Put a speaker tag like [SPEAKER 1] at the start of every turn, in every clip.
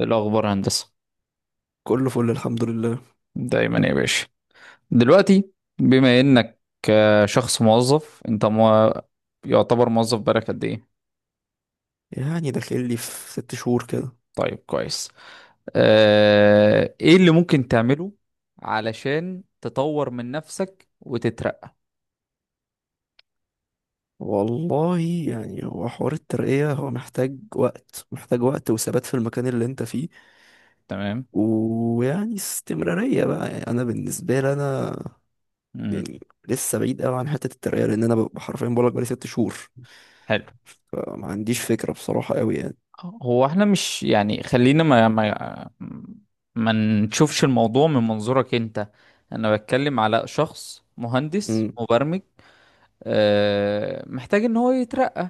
[SPEAKER 1] الأخبار هندسة،
[SPEAKER 2] كله فل الحمد لله.
[SPEAKER 1] دايما يا باشا. دلوقتي بما إنك شخص موظف أنت يعتبر موظف بقالك قد إيه؟
[SPEAKER 2] يعني داخل لي في 6 شهور كده.
[SPEAKER 1] طيب كويس. إيه اللي ممكن تعمله علشان تطور من نفسك وتترقى؟
[SPEAKER 2] والله يعني هو حوار الترقية، هو محتاج وقت محتاج وقت وثبات في المكان اللي انت فيه،
[SPEAKER 1] تمام؟
[SPEAKER 2] ويعني استمرارية بقى. يعني انا بالنسبة لي انا
[SPEAKER 1] مم.
[SPEAKER 2] يعني لسه بعيد قوي عن حتة الترقية، لان انا ببقى حرفيا بقولك بقالي 6 شهور.
[SPEAKER 1] حلو.
[SPEAKER 2] فما عنديش فكرة بصراحة قوي يعني.
[SPEAKER 1] هو احنا مش يعني خلينا ما نشوفش الموضوع من منظورك انت. انا بتكلم على شخص مهندس
[SPEAKER 2] امم
[SPEAKER 1] مبرمج محتاج ان هو يترقى.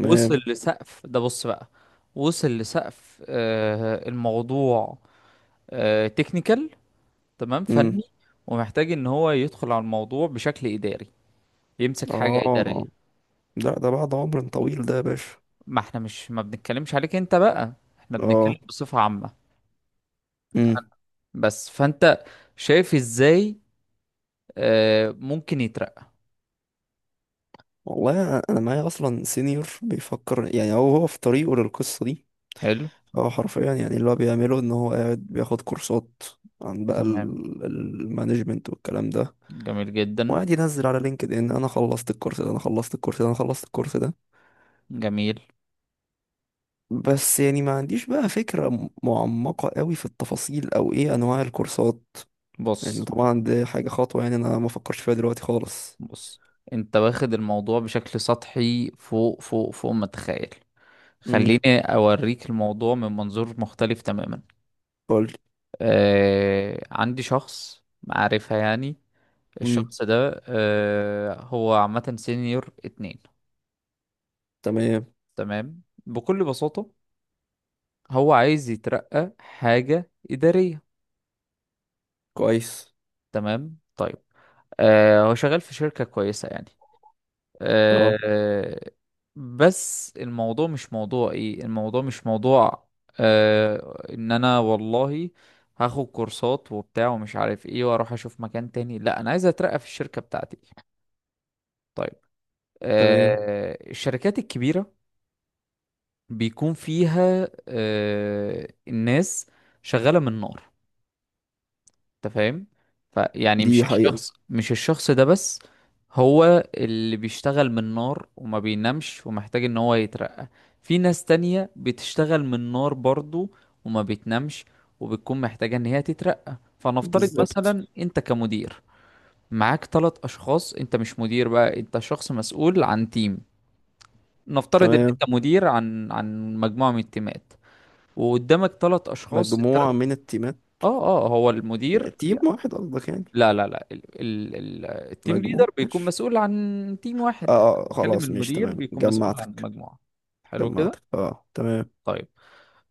[SPEAKER 1] وصل لسقف ده، بص بقى، وصل لسقف الموضوع، تكنيكال، تمام،
[SPEAKER 2] امم
[SPEAKER 1] فني. ومحتاج ان هو يدخل على الموضوع بشكل اداري، يمسك حاجة
[SPEAKER 2] اه.
[SPEAKER 1] ادارية.
[SPEAKER 2] لا ده بعد عمر طويل ده يا باشا.
[SPEAKER 1] ما احنا مش ما بنتكلمش عليك انت بقى، احنا بنتكلم
[SPEAKER 2] اه.
[SPEAKER 1] بصفة عامة.
[SPEAKER 2] امم
[SPEAKER 1] بس فانت شايف ازاي ممكن يترقى؟
[SPEAKER 2] والله انا معايا اصلا سينيور بيفكر، يعني هو في طريقه للقصه دي.
[SPEAKER 1] حلو،
[SPEAKER 2] هو حرفيا يعني اللي هو بيعمله ان هو قاعد بياخد كورسات عن بقى
[SPEAKER 1] تمام،
[SPEAKER 2] المانجمنت والكلام ده.
[SPEAKER 1] جميل جدا،
[SPEAKER 2] وقاعد ينزل على لينكد ان انا خلصت الكورس ده، انا خلصت الكورس ده، انا خلصت الكورس ده.
[SPEAKER 1] جميل.
[SPEAKER 2] بس يعني ما عنديش بقى فكره معمقه قوي في التفاصيل او ايه انواع الكورسات. يعني
[SPEAKER 1] بص
[SPEAKER 2] طبعا دي حاجه خطوه يعني انا ما فكرش فيها دلوقتي خالص.
[SPEAKER 1] بص، انت واخد الموضوع بشكل سطحي، فوق فوق فوق ما تتخيل. خليني
[SPEAKER 2] امم
[SPEAKER 1] أوريك الموضوع من منظور مختلف تماما.
[SPEAKER 2] قول.
[SPEAKER 1] عندي شخص معرفة يعني،
[SPEAKER 2] امم.
[SPEAKER 1] الشخص ده هو عامة سينيور 2.
[SPEAKER 2] تمام
[SPEAKER 1] تمام، بكل بساطة هو عايز يترقى حاجة إدارية.
[SPEAKER 2] كويس.
[SPEAKER 1] تمام، طيب، هو شغال في شركة كويسة يعني.
[SPEAKER 2] اه
[SPEAKER 1] آه، بس الموضوع مش موضوع ايه، الموضوع مش موضوع ان انا والله هاخد كورسات وبتاع ومش عارف ايه واروح اشوف مكان تاني. لا، انا عايز اترقى في الشركة بتاعتي. طيب،
[SPEAKER 2] تمام.
[SPEAKER 1] الشركات الكبيرة بيكون فيها الناس شغالة من نار، انت فاهم؟ فيعني مش
[SPEAKER 2] دي حقيقه.
[SPEAKER 1] الشخص مش الشخص ده بس هو اللي بيشتغل من نار وما بينامش ومحتاج ان هو يترقى. في ناس تانية بتشتغل من نار برضو وما بتنامش وبتكون محتاجة ان هي تترقى. فنفترض
[SPEAKER 2] بالظبط.
[SPEAKER 1] مثلا انت كمدير معاك ثلاث اشخاص. انت مش مدير بقى، انت شخص مسؤول عن تيم. نفترض ان
[SPEAKER 2] تمام.
[SPEAKER 1] انت مدير عن مجموعة من التيمات، وقدامك ثلاث اشخاص، الثلاث.
[SPEAKER 2] مجموعة من التيمات.
[SPEAKER 1] اه اه، هو المدير.
[SPEAKER 2] تيم واحد قصدك يعني؟
[SPEAKER 1] لا لا لا، ال ال ال التيم
[SPEAKER 2] مجموعة
[SPEAKER 1] ليدر بيكون
[SPEAKER 2] ماشي.
[SPEAKER 1] مسؤول عن تيم
[SPEAKER 2] اه،
[SPEAKER 1] واحد.
[SPEAKER 2] آه، آه،
[SPEAKER 1] بتكلم
[SPEAKER 2] خلاص ماشي
[SPEAKER 1] المدير
[SPEAKER 2] تمام
[SPEAKER 1] بيكون مسؤول عن
[SPEAKER 2] جمعتك.
[SPEAKER 1] المجموعة. حلو كده.
[SPEAKER 2] جمعتك اه تمام.
[SPEAKER 1] طيب،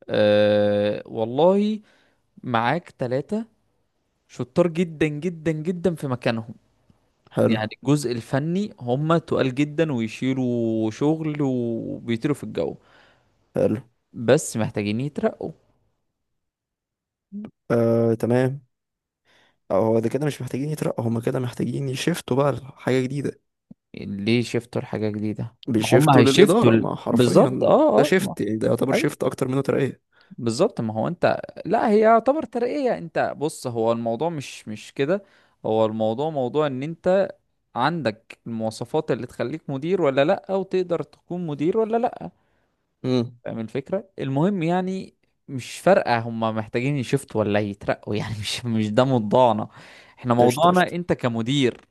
[SPEAKER 1] أه والله معاك ثلاثة شطار جدا جدا جدا في مكانهم،
[SPEAKER 2] حلو.
[SPEAKER 1] يعني الجزء الفني هم تقال جدا ويشيلوا شغل وبيطيروا في الجو،
[SPEAKER 2] حلو.
[SPEAKER 1] بس محتاجين يترقوا.
[SPEAKER 2] آه تمام. اه هو ده كده مش محتاجين يترقوا، هما كده محتاجين يشفتوا بقى لحاجة جديدة.
[SPEAKER 1] يعني ليه شفتوا لحاجة جديدة؟ ما هم
[SPEAKER 2] بيشفتوا
[SPEAKER 1] هيشفتوا،
[SPEAKER 2] للإدارة، ما
[SPEAKER 1] بالظبط،
[SPEAKER 2] حرفيا
[SPEAKER 1] اه
[SPEAKER 2] ده
[SPEAKER 1] اه،
[SPEAKER 2] شيفت يعني، ده يعتبر
[SPEAKER 1] أيوة.
[SPEAKER 2] شيفت أكتر منه ترقية.
[SPEAKER 1] بالظبط. ما هو انت، لا، هي يعتبر ترقية. انت بص، هو الموضوع مش كده. هو الموضوع موضوع ان انت عندك المواصفات اللي تخليك مدير ولا لا، او تقدر تكون مدير ولا لا،
[SPEAKER 2] امم.
[SPEAKER 1] فاهم الفكرة؟ المهم يعني مش فارقة هما محتاجين يشفتوا ولا يترقوا يعني مش ده موضوعنا. احنا
[SPEAKER 2] قشطة
[SPEAKER 1] موضوعنا
[SPEAKER 2] قشطة.
[SPEAKER 1] انت كمدير،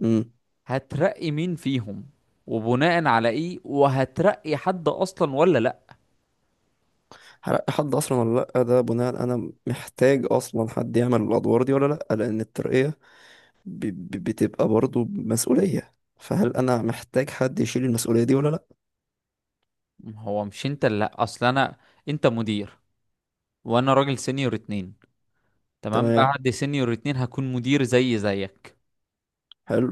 [SPEAKER 2] امم
[SPEAKER 1] هترقي مين فيهم وبناء على ايه، وهترقي حد اصلا ولا لا؟
[SPEAKER 2] هرقي حد أصلا ولا لأ، ده بناء، أنا محتاج أصلا حد يعمل الأدوار دي ولا لأ، لأن الترقية بتبقى برضو مسؤولية، فهل أنا محتاج حد يشيل المسؤولية دي ولا لأ؟
[SPEAKER 1] هو مش انت اللي، لا، اصل انا، انت مدير وانا راجل سينيور اتنين. تمام،
[SPEAKER 2] تمام.
[SPEAKER 1] بعد سينيور اتنين هكون مدير زي زيك.
[SPEAKER 2] حلو.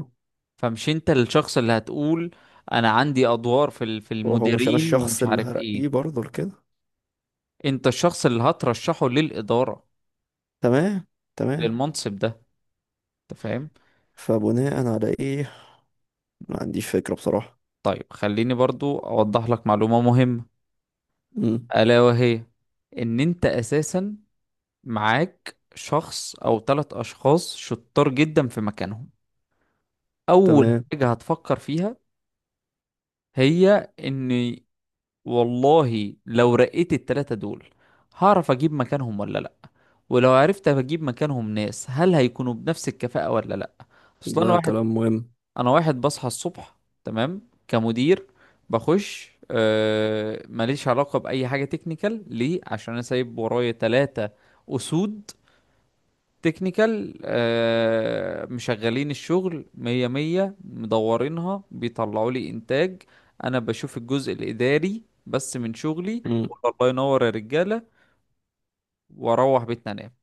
[SPEAKER 1] فمش انت الشخص اللي هتقول انا عندي ادوار في في
[SPEAKER 2] وهو مش أنا
[SPEAKER 1] المديرين
[SPEAKER 2] الشخص
[SPEAKER 1] ومش
[SPEAKER 2] اللي
[SPEAKER 1] عارف ايه،
[SPEAKER 2] هرقيه برضو لكده.
[SPEAKER 1] انت الشخص اللي هترشحه للاداره،
[SPEAKER 2] تمام. تمام.
[SPEAKER 1] للمنصب ده، انت فاهم؟
[SPEAKER 2] فبناء على إيه؟ ما عنديش فكرة بصراحة.
[SPEAKER 1] طيب، خليني برضو اوضح لك معلومه مهمه،
[SPEAKER 2] مم.
[SPEAKER 1] الا وهي ان انت اساسا معاك شخص او ثلاث اشخاص شطار جدا في مكانهم. اول
[SPEAKER 2] تمام.
[SPEAKER 1] حاجه هتفكر فيها هي ان والله لو رقيت التلاتة دول هعرف اجيب مكانهم ولا لا، ولو عرفت اجيب مكانهم ناس هل هيكونوا بنفس الكفاءة ولا لا؟ اصل
[SPEAKER 2] ده
[SPEAKER 1] انا واحد
[SPEAKER 2] كلام مهم.
[SPEAKER 1] انا واحد بصحى الصبح، تمام، كمدير، بخش، ماليش علاقة بأي حاجة تكنيكال، ليه؟ عشان انا سايب ورايا تلاتة اسود تكنيكال، مشغلين الشغل مية مية، مدورينها، بيطلعوا لي إنتاج. أنا بشوف الجزء الإداري بس من شغلي،
[SPEAKER 2] مم.
[SPEAKER 1] أقول الله ينور يا رجالة، وأروح بيتنا أنام.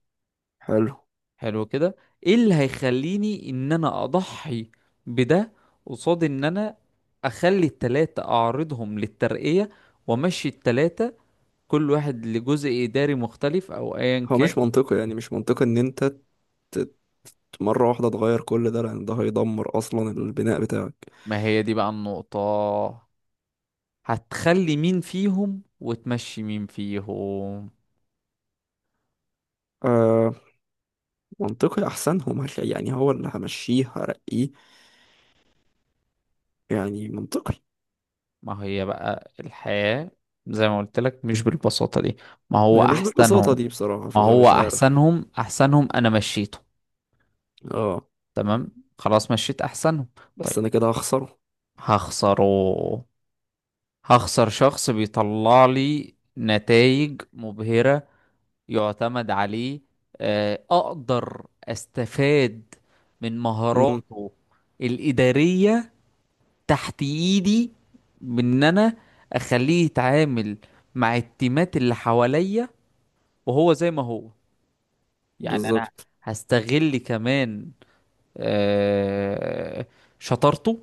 [SPEAKER 2] حلو.
[SPEAKER 1] حلو كده، إيه اللي هيخليني إن أنا أضحي بده قصاد إن أنا أخلي التلاتة أعرضهم للترقية وأمشي التلاتة كل واحد لجزء إداري مختلف أو أيا
[SPEAKER 2] هو
[SPEAKER 1] كان؟
[SPEAKER 2] مش منطقي، يعني مش منطقي إن أنت ت- مرة واحدة تغير كل ده، لأن ده هيدمر أصلا البناء بتاعك.
[SPEAKER 1] ما هي دي بقى النقطة، هتخلي مين فيهم وتمشي مين فيهم؟
[SPEAKER 2] آه. منطقي أحسنهم، يعني هو اللي همشيه هرقيه، يعني منطقي.
[SPEAKER 1] ما هي بقى الحياة زي ما قلت لك مش بالبساطة دي. ما هو
[SPEAKER 2] هي مش بالبساطة
[SPEAKER 1] أحسنهم
[SPEAKER 2] دي بصراحة،
[SPEAKER 1] ما
[SPEAKER 2] فأنا
[SPEAKER 1] هو
[SPEAKER 2] مش عارف.
[SPEAKER 1] أحسنهم أحسنهم أنا مشيته،
[SPEAKER 2] اه.
[SPEAKER 1] تمام، خلاص مشيت أحسنهم.
[SPEAKER 2] بس
[SPEAKER 1] طيب،
[SPEAKER 2] أنا كده هخسره.
[SPEAKER 1] هخسره، هخسر شخص بيطلع لي نتائج مبهرة، يعتمد عليه، أقدر أستفاد من
[SPEAKER 2] امم.
[SPEAKER 1] مهاراته الإدارية تحت ايدي، بان انا اخليه يتعامل مع التيمات اللي حواليا وهو زي ما هو. يعني انا
[SPEAKER 2] بالظبط.
[SPEAKER 1] هستغل كمان آه، شطارته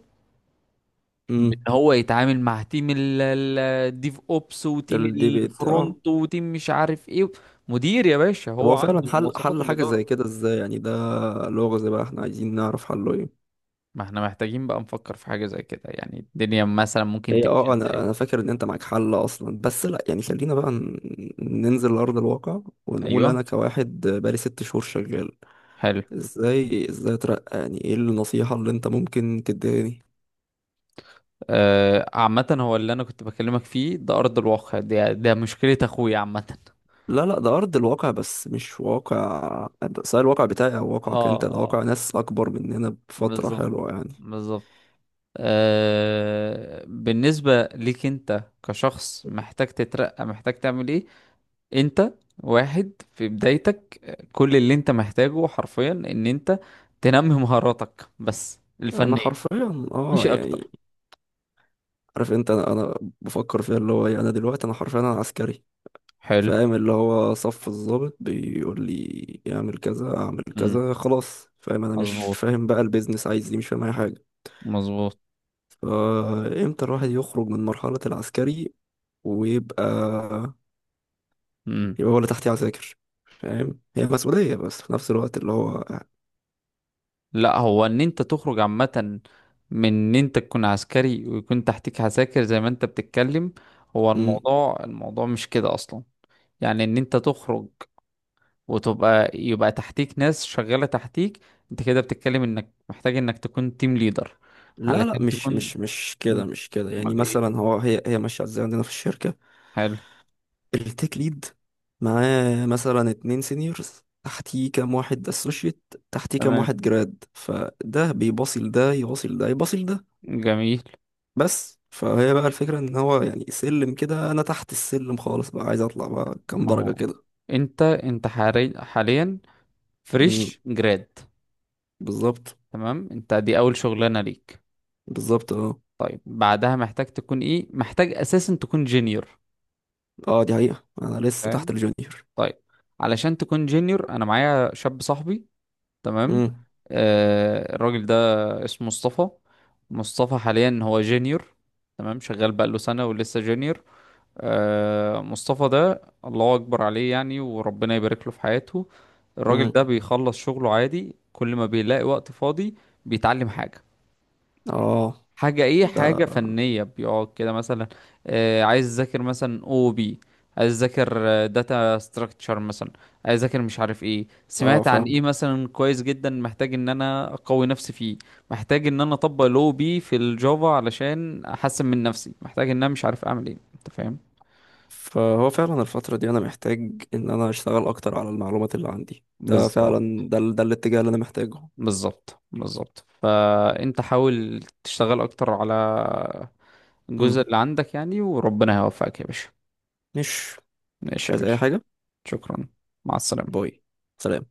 [SPEAKER 1] بان
[SPEAKER 2] امم
[SPEAKER 1] هو يتعامل مع تيم الديف اوبس
[SPEAKER 2] ده
[SPEAKER 1] وتيم
[SPEAKER 2] الديبيت اه.
[SPEAKER 1] الفرونت وتيم مش عارف ايه. مدير يا باشا،
[SPEAKER 2] طب
[SPEAKER 1] هو
[SPEAKER 2] هو فعلا
[SPEAKER 1] عنده
[SPEAKER 2] حل
[SPEAKER 1] مواصفات
[SPEAKER 2] حل حاجة زي
[SPEAKER 1] الاداره.
[SPEAKER 2] كده ازاي يعني؟ ده لغز بقى، احنا عايزين نعرف حله ايه.
[SPEAKER 1] ما احنا محتاجين بقى نفكر في حاجه زي كده، يعني الدنيا مثلا ممكن
[SPEAKER 2] هي
[SPEAKER 1] تمشي
[SPEAKER 2] اه، انا
[SPEAKER 1] ازاي؟
[SPEAKER 2] فاكر ان انت معاك حل اصلا، بس لا يعني خلينا بقى ننزل لأرض الواقع. ونقول انا
[SPEAKER 1] ايوه،
[SPEAKER 2] كواحد بقالي 6 شهور شغال.
[SPEAKER 1] حلو.
[SPEAKER 2] ازاي اترقى يعني؟ ايه النصيحة اللي انت ممكن تديهاني؟
[SPEAKER 1] عامة هو اللي انا كنت بكلمك فيه ده ارض الواقع، ده مشكلة اخويا عامة.
[SPEAKER 2] لا لا، ده أرض الواقع بس مش واقع. سواء الواقع بتاعي أو
[SPEAKER 1] اه،
[SPEAKER 2] واقعك أنت، ده واقع ناس أكبر مننا بفترة
[SPEAKER 1] بالظبط،
[SPEAKER 2] حلوة يعني.
[SPEAKER 1] بالظبط. بالنسبة ليك انت كشخص محتاج تترقى، محتاج تعمل ايه؟ انت واحد في بدايتك، كل اللي انت محتاجه حرفيا ان انت تنمي مهاراتك بس الفنية
[SPEAKER 2] أنا
[SPEAKER 1] دي،
[SPEAKER 2] حرفيا
[SPEAKER 1] مش حقيقة
[SPEAKER 2] يعني
[SPEAKER 1] اكتر.
[SPEAKER 2] عارف أنت، أنا بفكر فيها اللي هو إيه، أنا دلوقتي أنا حرفيا أنا عسكري.
[SPEAKER 1] حلو.
[SPEAKER 2] فاهم؟ اللي هو صف الضابط بيقول لي اعمل كذا اعمل
[SPEAKER 1] امم،
[SPEAKER 2] كذا خلاص. فاهم، أنا مش
[SPEAKER 1] مظبوط،
[SPEAKER 2] فاهم بقى البيزنس عايز إيه، مش فاهم أي حاجة.
[SPEAKER 1] مظبوط.
[SPEAKER 2] فإمتى الواحد يخرج من مرحلة العسكري ويبقى،
[SPEAKER 1] مم.
[SPEAKER 2] يبقى هو اللي تحتيه عساكر؟ فاهم هي مسؤولية بس في نفس الوقت اللي هو.
[SPEAKER 1] لا، هو ان انت تخرج عامة من ان انت تكون عسكري ويكون تحتك عساكر زي ما انت بتتكلم، هو
[SPEAKER 2] مم.
[SPEAKER 1] الموضوع، مش كده اصلا. يعني ان انت تخرج وتبقى، يبقى تحتيك ناس شغالة تحتيك، انت كده بتتكلم انك محتاج انك تكون تيم ليدر
[SPEAKER 2] لا لا،
[SPEAKER 1] علشان
[SPEAKER 2] مش
[SPEAKER 1] تكون.
[SPEAKER 2] مش مش
[SPEAKER 1] مم.
[SPEAKER 2] كده مش كده. يعني
[SPEAKER 1] امال ايه؟
[SPEAKER 2] مثلا هو هي ماشيه ازاي عندنا في الشركه.
[SPEAKER 1] حلو،
[SPEAKER 2] التيك ليد معاه مثلا 2 سينيورز، تحتيه كام واحد اسوشيت، تحتيه كام
[SPEAKER 1] تمام،
[SPEAKER 2] واحد جراد، فده بيباصل ده، يواصل ده، يباصل ده.
[SPEAKER 1] جميل.
[SPEAKER 2] بس فهي بقى الفكره ان هو يعني سلم كده، انا تحت السلم خالص بقى، عايز اطلع بقى كام
[SPEAKER 1] ما
[SPEAKER 2] درجه
[SPEAKER 1] هو
[SPEAKER 2] كده.
[SPEAKER 1] انت حاليا
[SPEAKER 2] امم.
[SPEAKER 1] فريش جراد،
[SPEAKER 2] بالظبط.
[SPEAKER 1] تمام، انت دي اول شغلانة ليك.
[SPEAKER 2] بالظبط اه
[SPEAKER 1] طيب، بعدها محتاج تكون ايه؟ محتاج اساسا تكون جينيور.
[SPEAKER 2] اه. دي حقيقه، انا لسه تحت
[SPEAKER 1] فاهم،
[SPEAKER 2] الجونيور.
[SPEAKER 1] طيب، علشان تكون جينيور، انا معايا شاب صاحبي، تمام،
[SPEAKER 2] امم.
[SPEAKER 1] الراجل ده اسمه مصطفى، مصطفى حاليا هو جينيور، تمام، شغال بقاله سنة ولسه جينيور. مصطفى ده الله اكبر عليه يعني، وربنا يبارك له في حياته. الراجل
[SPEAKER 2] امم
[SPEAKER 1] ده بيخلص شغله عادي، كل ما بيلاقي وقت فاضي بيتعلم حاجة.
[SPEAKER 2] اه.
[SPEAKER 1] حاجة ايه؟
[SPEAKER 2] ده
[SPEAKER 1] حاجة فنية، بيقعد كده مثلا عايز اذاكر مثلا او بي، عايز اذاكر داتا ستراكشر مثلا، عايز اذاكر مش عارف ايه،
[SPEAKER 2] اه.
[SPEAKER 1] سمعت عن
[SPEAKER 2] فاهم.
[SPEAKER 1] ايه مثلا كويس جدا محتاج ان انا اقوي نفسي فيه، محتاج ان انا اطبق الاو بي في الجافا علشان احسن من نفسي، محتاج ان انا مش عارف اعمل ايه، انت فاهم؟
[SPEAKER 2] فهو فعلا الفترة دي أنا محتاج إن أنا أشتغل أكتر على المعلومات اللي عندي، ده
[SPEAKER 1] بالظبط،
[SPEAKER 2] فعلا. ده الاتجاه اللي أنا محتاجه.
[SPEAKER 1] بالظبط، بالظبط، فانت حاول تشتغل اكتر على
[SPEAKER 2] مم.
[SPEAKER 1] الجزء اللي عندك يعني، وربنا هيوفقك يا باشا.
[SPEAKER 2] مش مش
[SPEAKER 1] ماشي يا
[SPEAKER 2] عايز أي
[SPEAKER 1] باشا،
[SPEAKER 2] حاجة.
[SPEAKER 1] شكرا، مع السلامة.
[SPEAKER 2] باي. سلام.